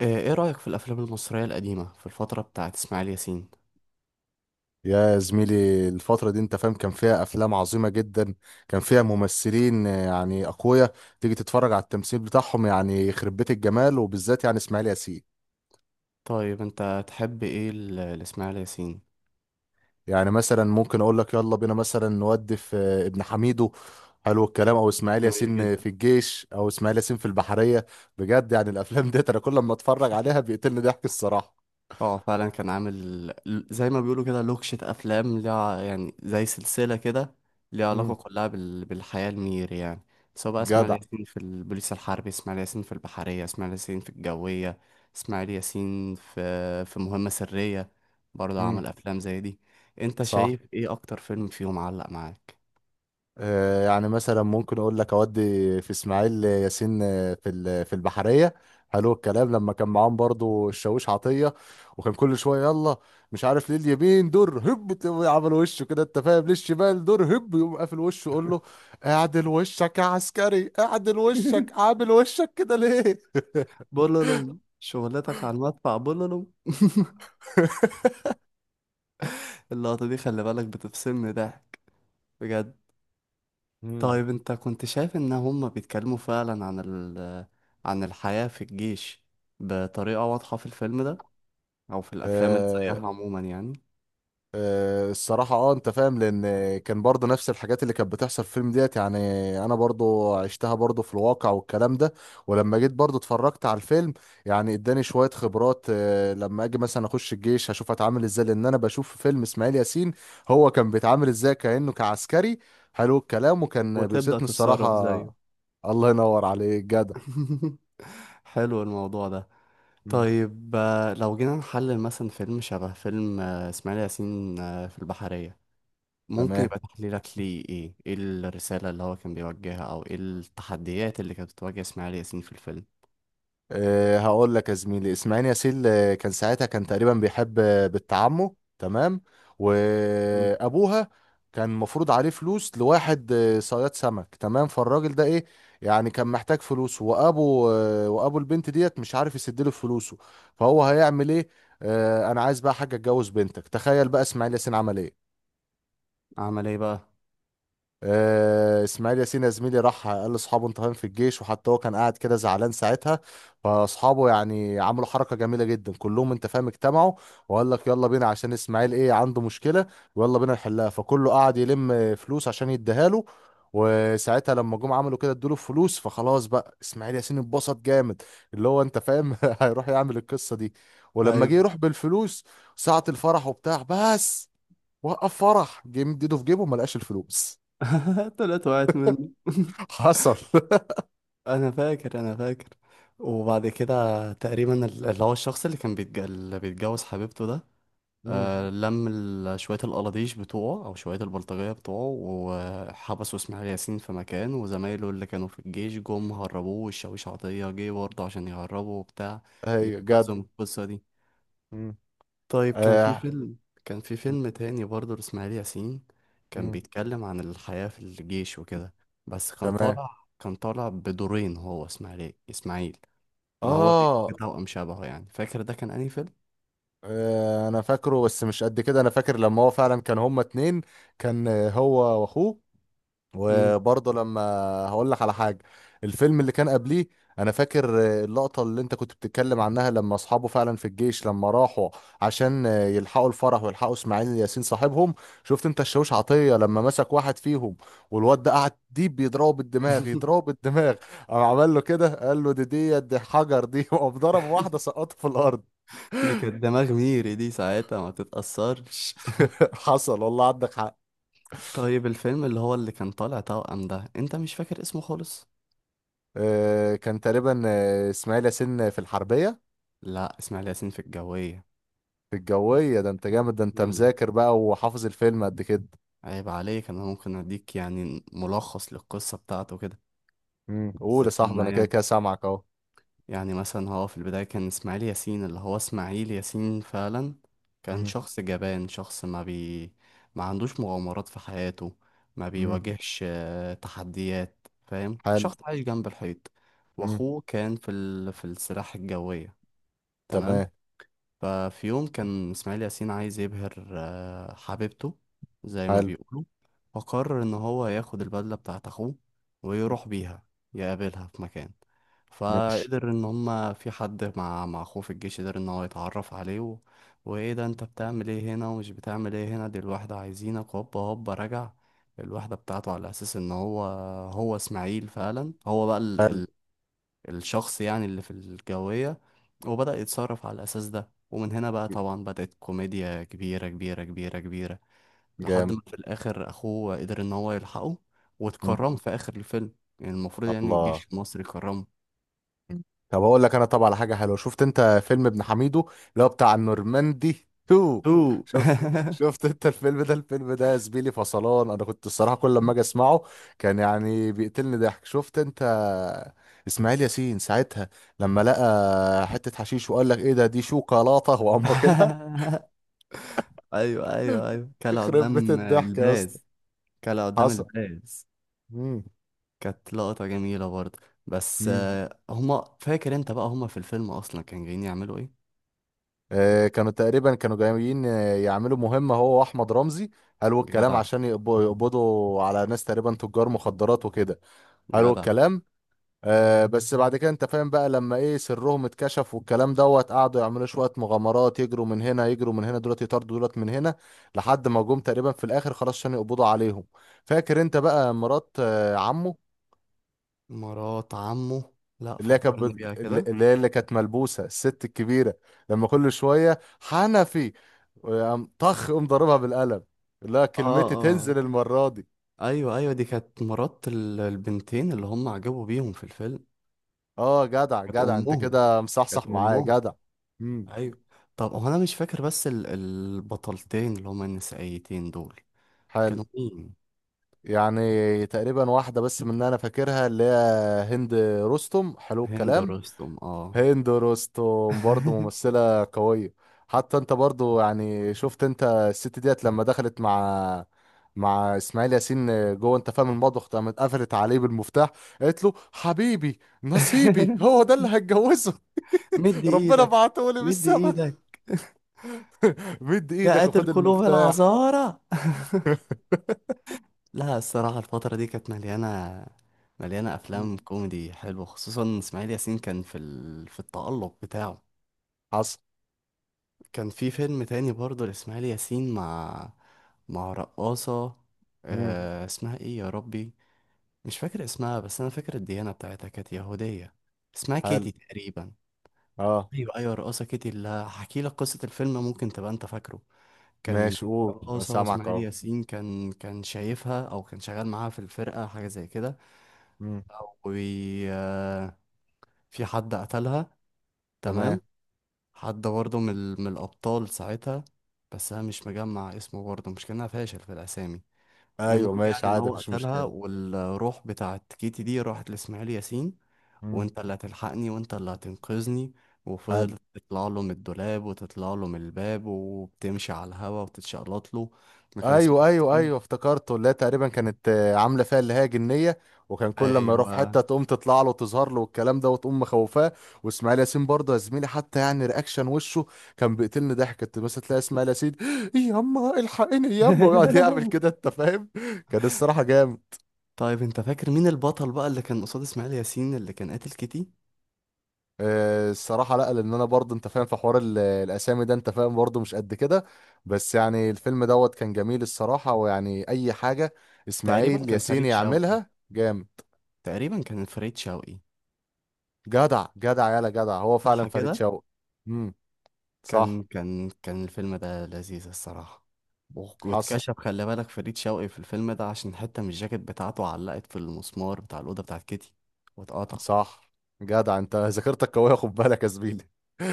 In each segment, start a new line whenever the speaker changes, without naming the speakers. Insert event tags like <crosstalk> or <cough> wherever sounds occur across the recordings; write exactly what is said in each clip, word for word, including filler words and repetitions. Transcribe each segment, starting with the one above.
آه، ايه رأيك في الافلام المصرية القديمة في الفترة بتاعت اسماعيل ياسين؟
يا زميلي الفترة دي، انت فاهم، كان فيها افلام عظيمة جدا. كان فيها ممثلين آه، يعني اقوياء. تيجي تتفرج على التمثيل بتاعهم، يعني يخرب بيت الجمال، وبالذات يعني اسماعيل ياسين.
طيب، انت تحب ايه ل- لاسماعيل ياسين؟
يعني مثلا ممكن اقول لك يلا بينا مثلا نودي في آه، ابن حميدو. حلو الكلام. او اسماعيل
جميل
ياسين
جدا.
في الجيش، او اسماعيل ياسين في البحرية. بجد يعني الافلام ديت انا كل ما اتفرج عليها بيقتلني ضحك الصراحة.
اه، فعلا كان عامل ل- زي ما بيقولوا كده لوكشة افلام ليها، يعني زي سلسلة كده، ليها علاقة
امم
كلها بال... بالحياة المير يعني. سواء بقى اسماعيل
جدع.
ياسين في البوليس الحربي، اسماعيل ياسين في البحرية، اسماعيل ياسين في الجوية، اسماعيل ياسين في في مهمة سرية. برضه
امم
عمل افلام زي دي. انت
صح.
شايف ايه اكتر فيلم فيهم علق معاك؟
آه، يعني مثلا ممكن اقول لك اودي في اسماعيل ياسين، آه، في ال- في البحريه. حلو الكلام. لما كان معاهم برضو الشاويش عطيه، وكان كل شويه يلا، مش عارف ليه اليمين دور هب تقوم عمل وشه كده، انت فاهم، ليه الشمال دور هب يقوم قافل وشه يقول له اعدل وشك يا عسكري، اعدل وشك،
<laughs>
عامل وشك كده ليه؟
بولولوم شغلتك على المدفع بولولوم <laughs> اللقطة دي خلي بالك بتفصلني ضحك، بجد. طيب،
<laughs>
انت كنت شايف ان هما بيتكلموا فعلا عن ال عن الحياة في الجيش بطريقة واضحة في الفيلم ده او في الافلام اللي
مم.
زيها عموما يعني؟
آه، الصراحة اه، انت فاهم، لان كان برضه نفس الحاجات اللي كانت بتحصل في الفيلم ديت يعني. انا برضه عشتها برضه في الواقع والكلام ده، ولما جيت برضه اتفرجت على الفيلم، يعني اداني شوية خبرات. آه، لما اجي مثلا اخش الجيش هشوف اتعامل ازاي، لان انا بشوف في فيلم اسماعيل ياسين هو كان بيتعامل ازاي كأنه كعسكري. حلو الكلام. وكان
وتبدأ
بيوسطني
تتصرف
الصراحة.
زيه.
الله ينور عليك، جدع.
<laughs> حلو الموضوع ده.
مم.
طيب، آه، لو جينا نحلل مثلا فيلم شبه فيلم، آه، اسماعيل ياسين آه، في البحرية، ممكن
تمام.
يبقى تحليلك ليه ايه ايه الرسالة اللي هو كان بيوجهها، او ايه التحديات اللي كانت بتواجه اسماعيل ياسين في الفيلم؟
أه، هقول لك يا زميلي، اسماعيل ياسين آه، كان ساعتها كان تقريبا بيحب آه، بنت عمه، تمام،
مم.
وابوها كان مفروض عليه فلوس لواحد آه، صياد سمك، تمام. فالراجل ده ايه، يعني كان محتاج فلوس، وابو آه، وابو البنت ديت مش عارف يسدله فلوسه. فهو هيعمل ايه؟ أه انا عايز بقى حاجه، اتجوز بنتك. تخيل بقى اسماعيل ياسين عمل ايه.
عمل ايه بقى؟
آه، اسماعيل ياسين يا زميلي راح قال لاصحابه، انت فاهم، في الجيش، وحتى هو كان قاعد كده زعلان ساعتها. فاصحابه يعني عملوا حركه جميله جدا، كلهم، انت فاهم، اجتمعوا وقال لك يلا بينا عشان اسماعيل ايه عنده مشكله، ويلا بينا نحلها. فكله قعد يلم فلوس عشان يديها له. وساعتها لما جم عملوا كده، ادوا له فلوس. فخلاص بقى اسماعيل ياسين اتبسط جامد، اللي هو انت فاهم <laughs> هيروح يعمل القصه دي. ولما جه
ايوه.
يروح بالفلوس، ساعه الفرح وبتاع، بس وقف فرح، جه مديده في جيبه، ما لقاش الفلوس.
<laughs> طلعت وقعت منه <laughs>
حصل <laughs>
انا فاكر، انا فاكر. وبعد كده تقريبا ال- اللي هو الشخص اللي كان بيتج... اللي بيتجوز حبيبته ده،
مم.
آه، لم ال- شوية القلاديش بتوعه أو شوية البلطجية بتوعه، وحبسوا إسماعيل ياسين في مكان، وزمايله اللي كانوا في الجيش جم هربوه، والشاويش عطية جه برضه عشان يهربه وبتاع،
ايوه جد.
ينقذهم من القصة دي.
مم.
طيب، كان في
آه.
فيلم، كان في فيلم تاني برضه لإسماعيل ياسين، كان
مم.
بيتكلم عن الحياة في الجيش وكده، بس كان
تمام.
طالع كان طالع بدورين، هو إسماعيل إسماعيل. إن هو ليه
آه.
توأم شبهه يعني. فاكر ده كان أنهي فيلم؟
اه، انا فاكره بس مش قد كده. انا فاكر لما هو فعلا كان هما اتنين. كان آه، هو واخوه.
مم.
وبرضه لما، هقول لك على حاجه، الفيلم اللي كان قبليه. انا فاكر آه، اللقطه اللي انت كنت بتتكلم عنها لما اصحابه فعلا في الجيش، لما راحوا عشان آه، يلحقوا الفرح ويلحقوا اسماعيل ياسين صاحبهم. شفت انت الشاويش عطيه لما مسك واحد فيهم، والواد ده قعد ديب بيضربه بالدماغ، يضربه
<laughs>
بالدماغ. قام عمل له كده، قال له دي دي دي حجر دي <laughs> وقام ضرب واحده سقطه في الارض.
دي كانت دماغ ميري، دي ساعتها ما تتأثرش.
<laughs> حصل والله، عندك حق.
<laughs> طيب، الفيلم اللي هو اللي كان طالع توأم ده، انت مش فاكر اسمه خالص؟
آه، كان تقريبا آه، اسماعيل ياسين في الحربيه.
لا، اسماعيل ياسين في الجوية.
في الجوية. ده انت جامد، ده انت
مم.
مذاكر بقى وحافظ الفيلم قد كده.
عيب عليك. انا ممكن اديك يعني ملخص للقصة بتاعته كده،
مم. قول يا صاحبي،
الزتونة
انا كده
يعني.
كده سامعك اهو.
يعني مثلا هو في البداية كان إسماعيل ياسين، اللي هو إسماعيل ياسين فعلا، كان
مم.
شخص جبان، شخص ما بي ما عندوش مغامرات في حياته، ما
مم.
بيواجهش آه، تحديات، فاهم،
حلو.
شخص عايش جنب الحيط.
مم.
وأخوه كان في ال... في السلاح الجوية. تمام.
تمام.
ففي يوم كان إسماعيل ياسين عايز يبهر آه، حبيبته، زي ما
حلو.
بيقولوا. فقرر إن هو ياخد البدلة بتاعت أخوه، ويروح بيها يقابلها في مكان.
ماشي.
فقدر إن هما في حد مع مع أخوه في الجيش قدر إن هو يتعرف عليه و... وإيه ده، أنت بتعمل إيه هنا؟ ومش بتعمل إيه هنا؟ دي الواحدة عايزينك، هوبا هوبا رجع، الواحدة بتاعته، على أساس إن هو، هو إسماعيل فعلا، هو بقى
حلو.
الشخص يعني اللي في الجوية. وبدأ يتصرف على الأساس ده، ومن هنا بقى طبعا بدأت كوميديا كبيرة كبيرة كبيرة كبيرة. لحد
جامد.
ما في الآخر أخوه قدر إن هو يلحقه،
مم.
واتكرم في آخر الفيلم، يعني المفروض يعني
الله.
الجيش المصري كرمه.
مم. طب اقول لك انا طبعا على حاجه حلوه. شفت انت فيلم ابن حميدو، اللي هو بتاع النورماندي <laughs> اتنين؟
تو
شفت؟
<laughs>
شفت انت الفيلم ده؟ الفيلم ده يا زميلي فصلان. انا كنت الصراحه كل لما اجي اسمعه كان يعني بيقتلني ضحك. شفت انت اسماعيل ياسين ساعتها لما لقى حته حشيش وقال لك ايه ده، دي شوكولاته، وقام واكلها؟
أيوه
<laughs>
أيوه أيوه، كلا
يخرب بيت
قدام
الضحك يا اسطى.
الباز. كلا قدام
حصل.
الباز.
مم.
كانت لقطة جميلة برضه. بس
مم.
آه، هما، فاكر انت بقى هما في الفيلم اصلا كانوا جايين يعملوا ايه؟
آه، كانوا تقريبا كانوا جايين آه، يعملوا مهمة هو وأحمد رمزي، قالوا الكلام،
جدع
عشان يقبضوا يقبضوا على ناس تقريبا تجار مخدرات وكده، قالوا
جدع.
الكلام. آه، بس بعد كده، انت فاهم، بقى لما ايه سرهم اتكشف والكلام دوت، قعدوا يعملوا شوية مغامرات، يجروا من هنا، يجروا من هنا دولت، يطاردوا دولت من هنا، لحد ما جم تقريبا في الآخر خلاص عشان يقبضوا عليهم. فاكر انت بقى مرات آه، عمه،
مرات عمه. لا،
اللي هي كانت
فكرني بيها
بت-
كده.
اللي هي اللي كانت ملبوسه الست الكبيره، لما كل شويه حنفي ويقوم طخ، قوم ضاربها بالقلم، لا
اه،
كلمتي تنزل
اه،
المره دي.
ايوه ايوه، دي كانت مرات ال- البنتين اللي هم عجبوا بيهم في الفيلم.
اه، جدع،
كانت
جدع، انت
امهم.
كده
كانت
مصحصح معايا،
امهم.
جدع. امم.
ايوه. طب هو انا مش فاكر، بس ال- البطلتين اللي هم النسائيتين دول،
حلو.
كانوا مين؟
يعني تقريبا واحده بس من اللي انا فاكرها، اللي هي هند رستم. حلو
هند
الكلام.
رستم، اه.
هند رستم برضه ممثلة قوية. حتى انت برضه يعني، شفت انت الست ديت لما دخلت مع مع اسماعيل ياسين جوه، انت فاهم، المطبخ، قامت قفلت عليه بالمفتاح، قالت له حبيبي نصيبي،
<laughs>
هو ده اللي هتجوزه؟
مد
<laughs> ربنا
ايدك.
بعته لي من
مد
السما.
ايدك،
<laughs> مد
يا
ايدك
قاتل
وخد
قلوب
المفتاح.
العذارى. <laughs>
<laughs>
لا، الصراحة الفترة دي كانت مليانة، مليانة
مم.
أفلام كوميدي حلوة، خصوصا إسماعيل ياسين كان في ال... في التألق بتاعه.
حصل.
كان في فيلم تاني برضه لإسماعيل ياسين مع مع رقاصة،
مم.
آه... اسمها إيه يا ربي؟ مش فاكر اسمها، بس أنا فاكر الديانة بتاعتها كانت يهودية. اسمها
حلو.
كيتي تقريبا.
اه،
أيوة أيوة، رقاصة كيتي. اللي هحكي لك قصة الفيلم ممكن تبقى أنت فاكره. كان
ماشي، قول، انا
رقاصة
سامعك
وإسماعيل
اهو.
ياسين كان كان شايفها، أو كان شغال معاها في الفرقة، حاجة زي كده.
مم.
وفي حد قتلها،
تمام.
تمام، حد برضه من, ال- من الأبطال ساعتها. بس أنا مش مجمع اسمه برضه، مش كأنها، فاشل في الأسامي.
ايوه،
المهم يعني
ماشي
إن
عادي،
هو
مفيش
قتلها،
مشكلة.
والروح بتاعت كيتي دي راحت لإسماعيل ياسين:
مم.
وأنت اللي هتلحقني، وأنت اللي هتنقذني.
حلو.
وفضلت تطلع له من الدولاب وتطلع له من الباب، وبتمشي على الهوا وتتشقلط له. ما كان إسماعيل
ايوه ايوه
ياسين.
ايوه، افتكرته، اللي هي تقريبا كانت آه، عامله فيها اللي هي جنيه، وكان كل لما يروح في
أيوه.
حته تقوم تطلع له وتظهر له والكلام ده، وتقوم مخوفاه. واسماعيل ياسين برضه يا زميلي، حتى يعني رياكشن وشه كان بيقتلني ضحك. كنت مثلا تلاقي اسماعيل ياسين <gasps> ياما الحقيني ياما، ويقعد يعمل
<laughs>
كده، انت فاهم. كان الصراحه جامد.
طيب، انت فاكر مين البطل بقى اللي كان قصاد اسماعيل ياسين، اللي كان قاتل كيتي؟
آه، الصراحه لا، لان انا برضه، انت فاهم، في حوار ال- الاسامي ده، انت فاهم، برضه مش قد كده. بس يعني الفيلم دوت كان جميل الصراحه، ويعني اي حاجه
تقريبا
اسماعيل
كان
ياسين
فريد شوقي.
يعملها جامد.
تقريبا كان فريد شوقي.
جدع جدع، يالا جدع، هو فعلا
صح
فريد
كده؟
شوقي. امم.
كان
صح.
كان كان الفيلم ده لذيذ الصراحة. و-
حصل.
واتكشف، خلي بالك، فريد شوقي في الفيلم ده عشان حتة من الجاكيت بتاعته علقت في المسمار بتاع الأوضة بتاعت كيتي، واتقطع.
صح. جدع، انت ذاكرتك قويه، خد بالك يا زميلي.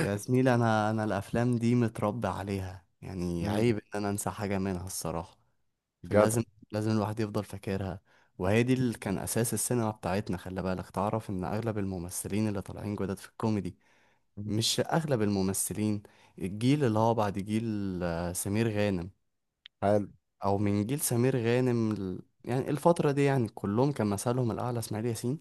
يا زميلي، أنا أنا الأفلام دي متربي عليها، يعني
امم.
عيب إن أنا أنسى حاجة منها الصراحة.
جدع.
فلازم، لازم الواحد يفضل فاكرها. وهي دي اللي كان أساس السينما بتاعتنا. خلي بالك، تعرف إن أغلب الممثلين اللي طالعين جداد في الكوميدي،
مم.
مش اغلب الممثلين، الجيل اللي هو بعد جيل آه، سمير غانم،
حلو.
او من جيل سمير غانم، ل- يعني الفترة دي، يعني كلهم كان مثلهم الاعلى اسماعيل ياسين.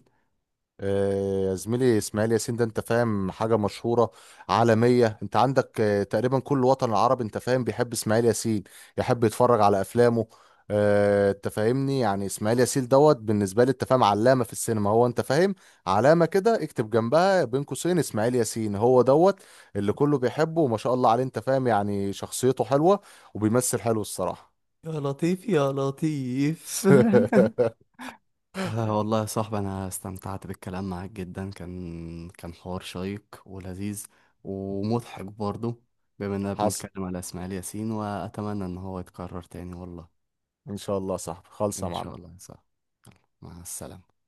آه، يا زميلي اسماعيل ياسين ده، انت فاهم، حاجة مشهورة عالمية. انت عندك آه، تقريبا كل وطن عربي، انت فاهم، بيحب اسماعيل ياسين، يحب يتفرج على افلامه. آه، انت فاهمني، يعني اسماعيل ياسين دوت بالنسبة لي، انت فاهم، علامة في السينما. هو، انت فاهم، علامة، كده اكتب جنبها بين قوسين اسماعيل ياسين، هو دوت اللي كله بيحبه. وما شاء الله عليه، انت فاهم، يعني شخصيته حلوة، وبيمثل حلو الصراحة.
يا لطيف، يا لطيف. <laughs>
<laughs>
آه والله يا صاحبي، انا استمتعت بالكلام معاك جدا. كان كان حوار شيق ولذيذ، ومضحك برضه، بما اننا
حصل.
بنتكلم على اسماعيل ياسين، واتمنى ان هو يتكرر تاني والله.
ان شاء الله. صح خالص يا
ان
معلم.
شاء الله يا صاحبي. مع السلامة.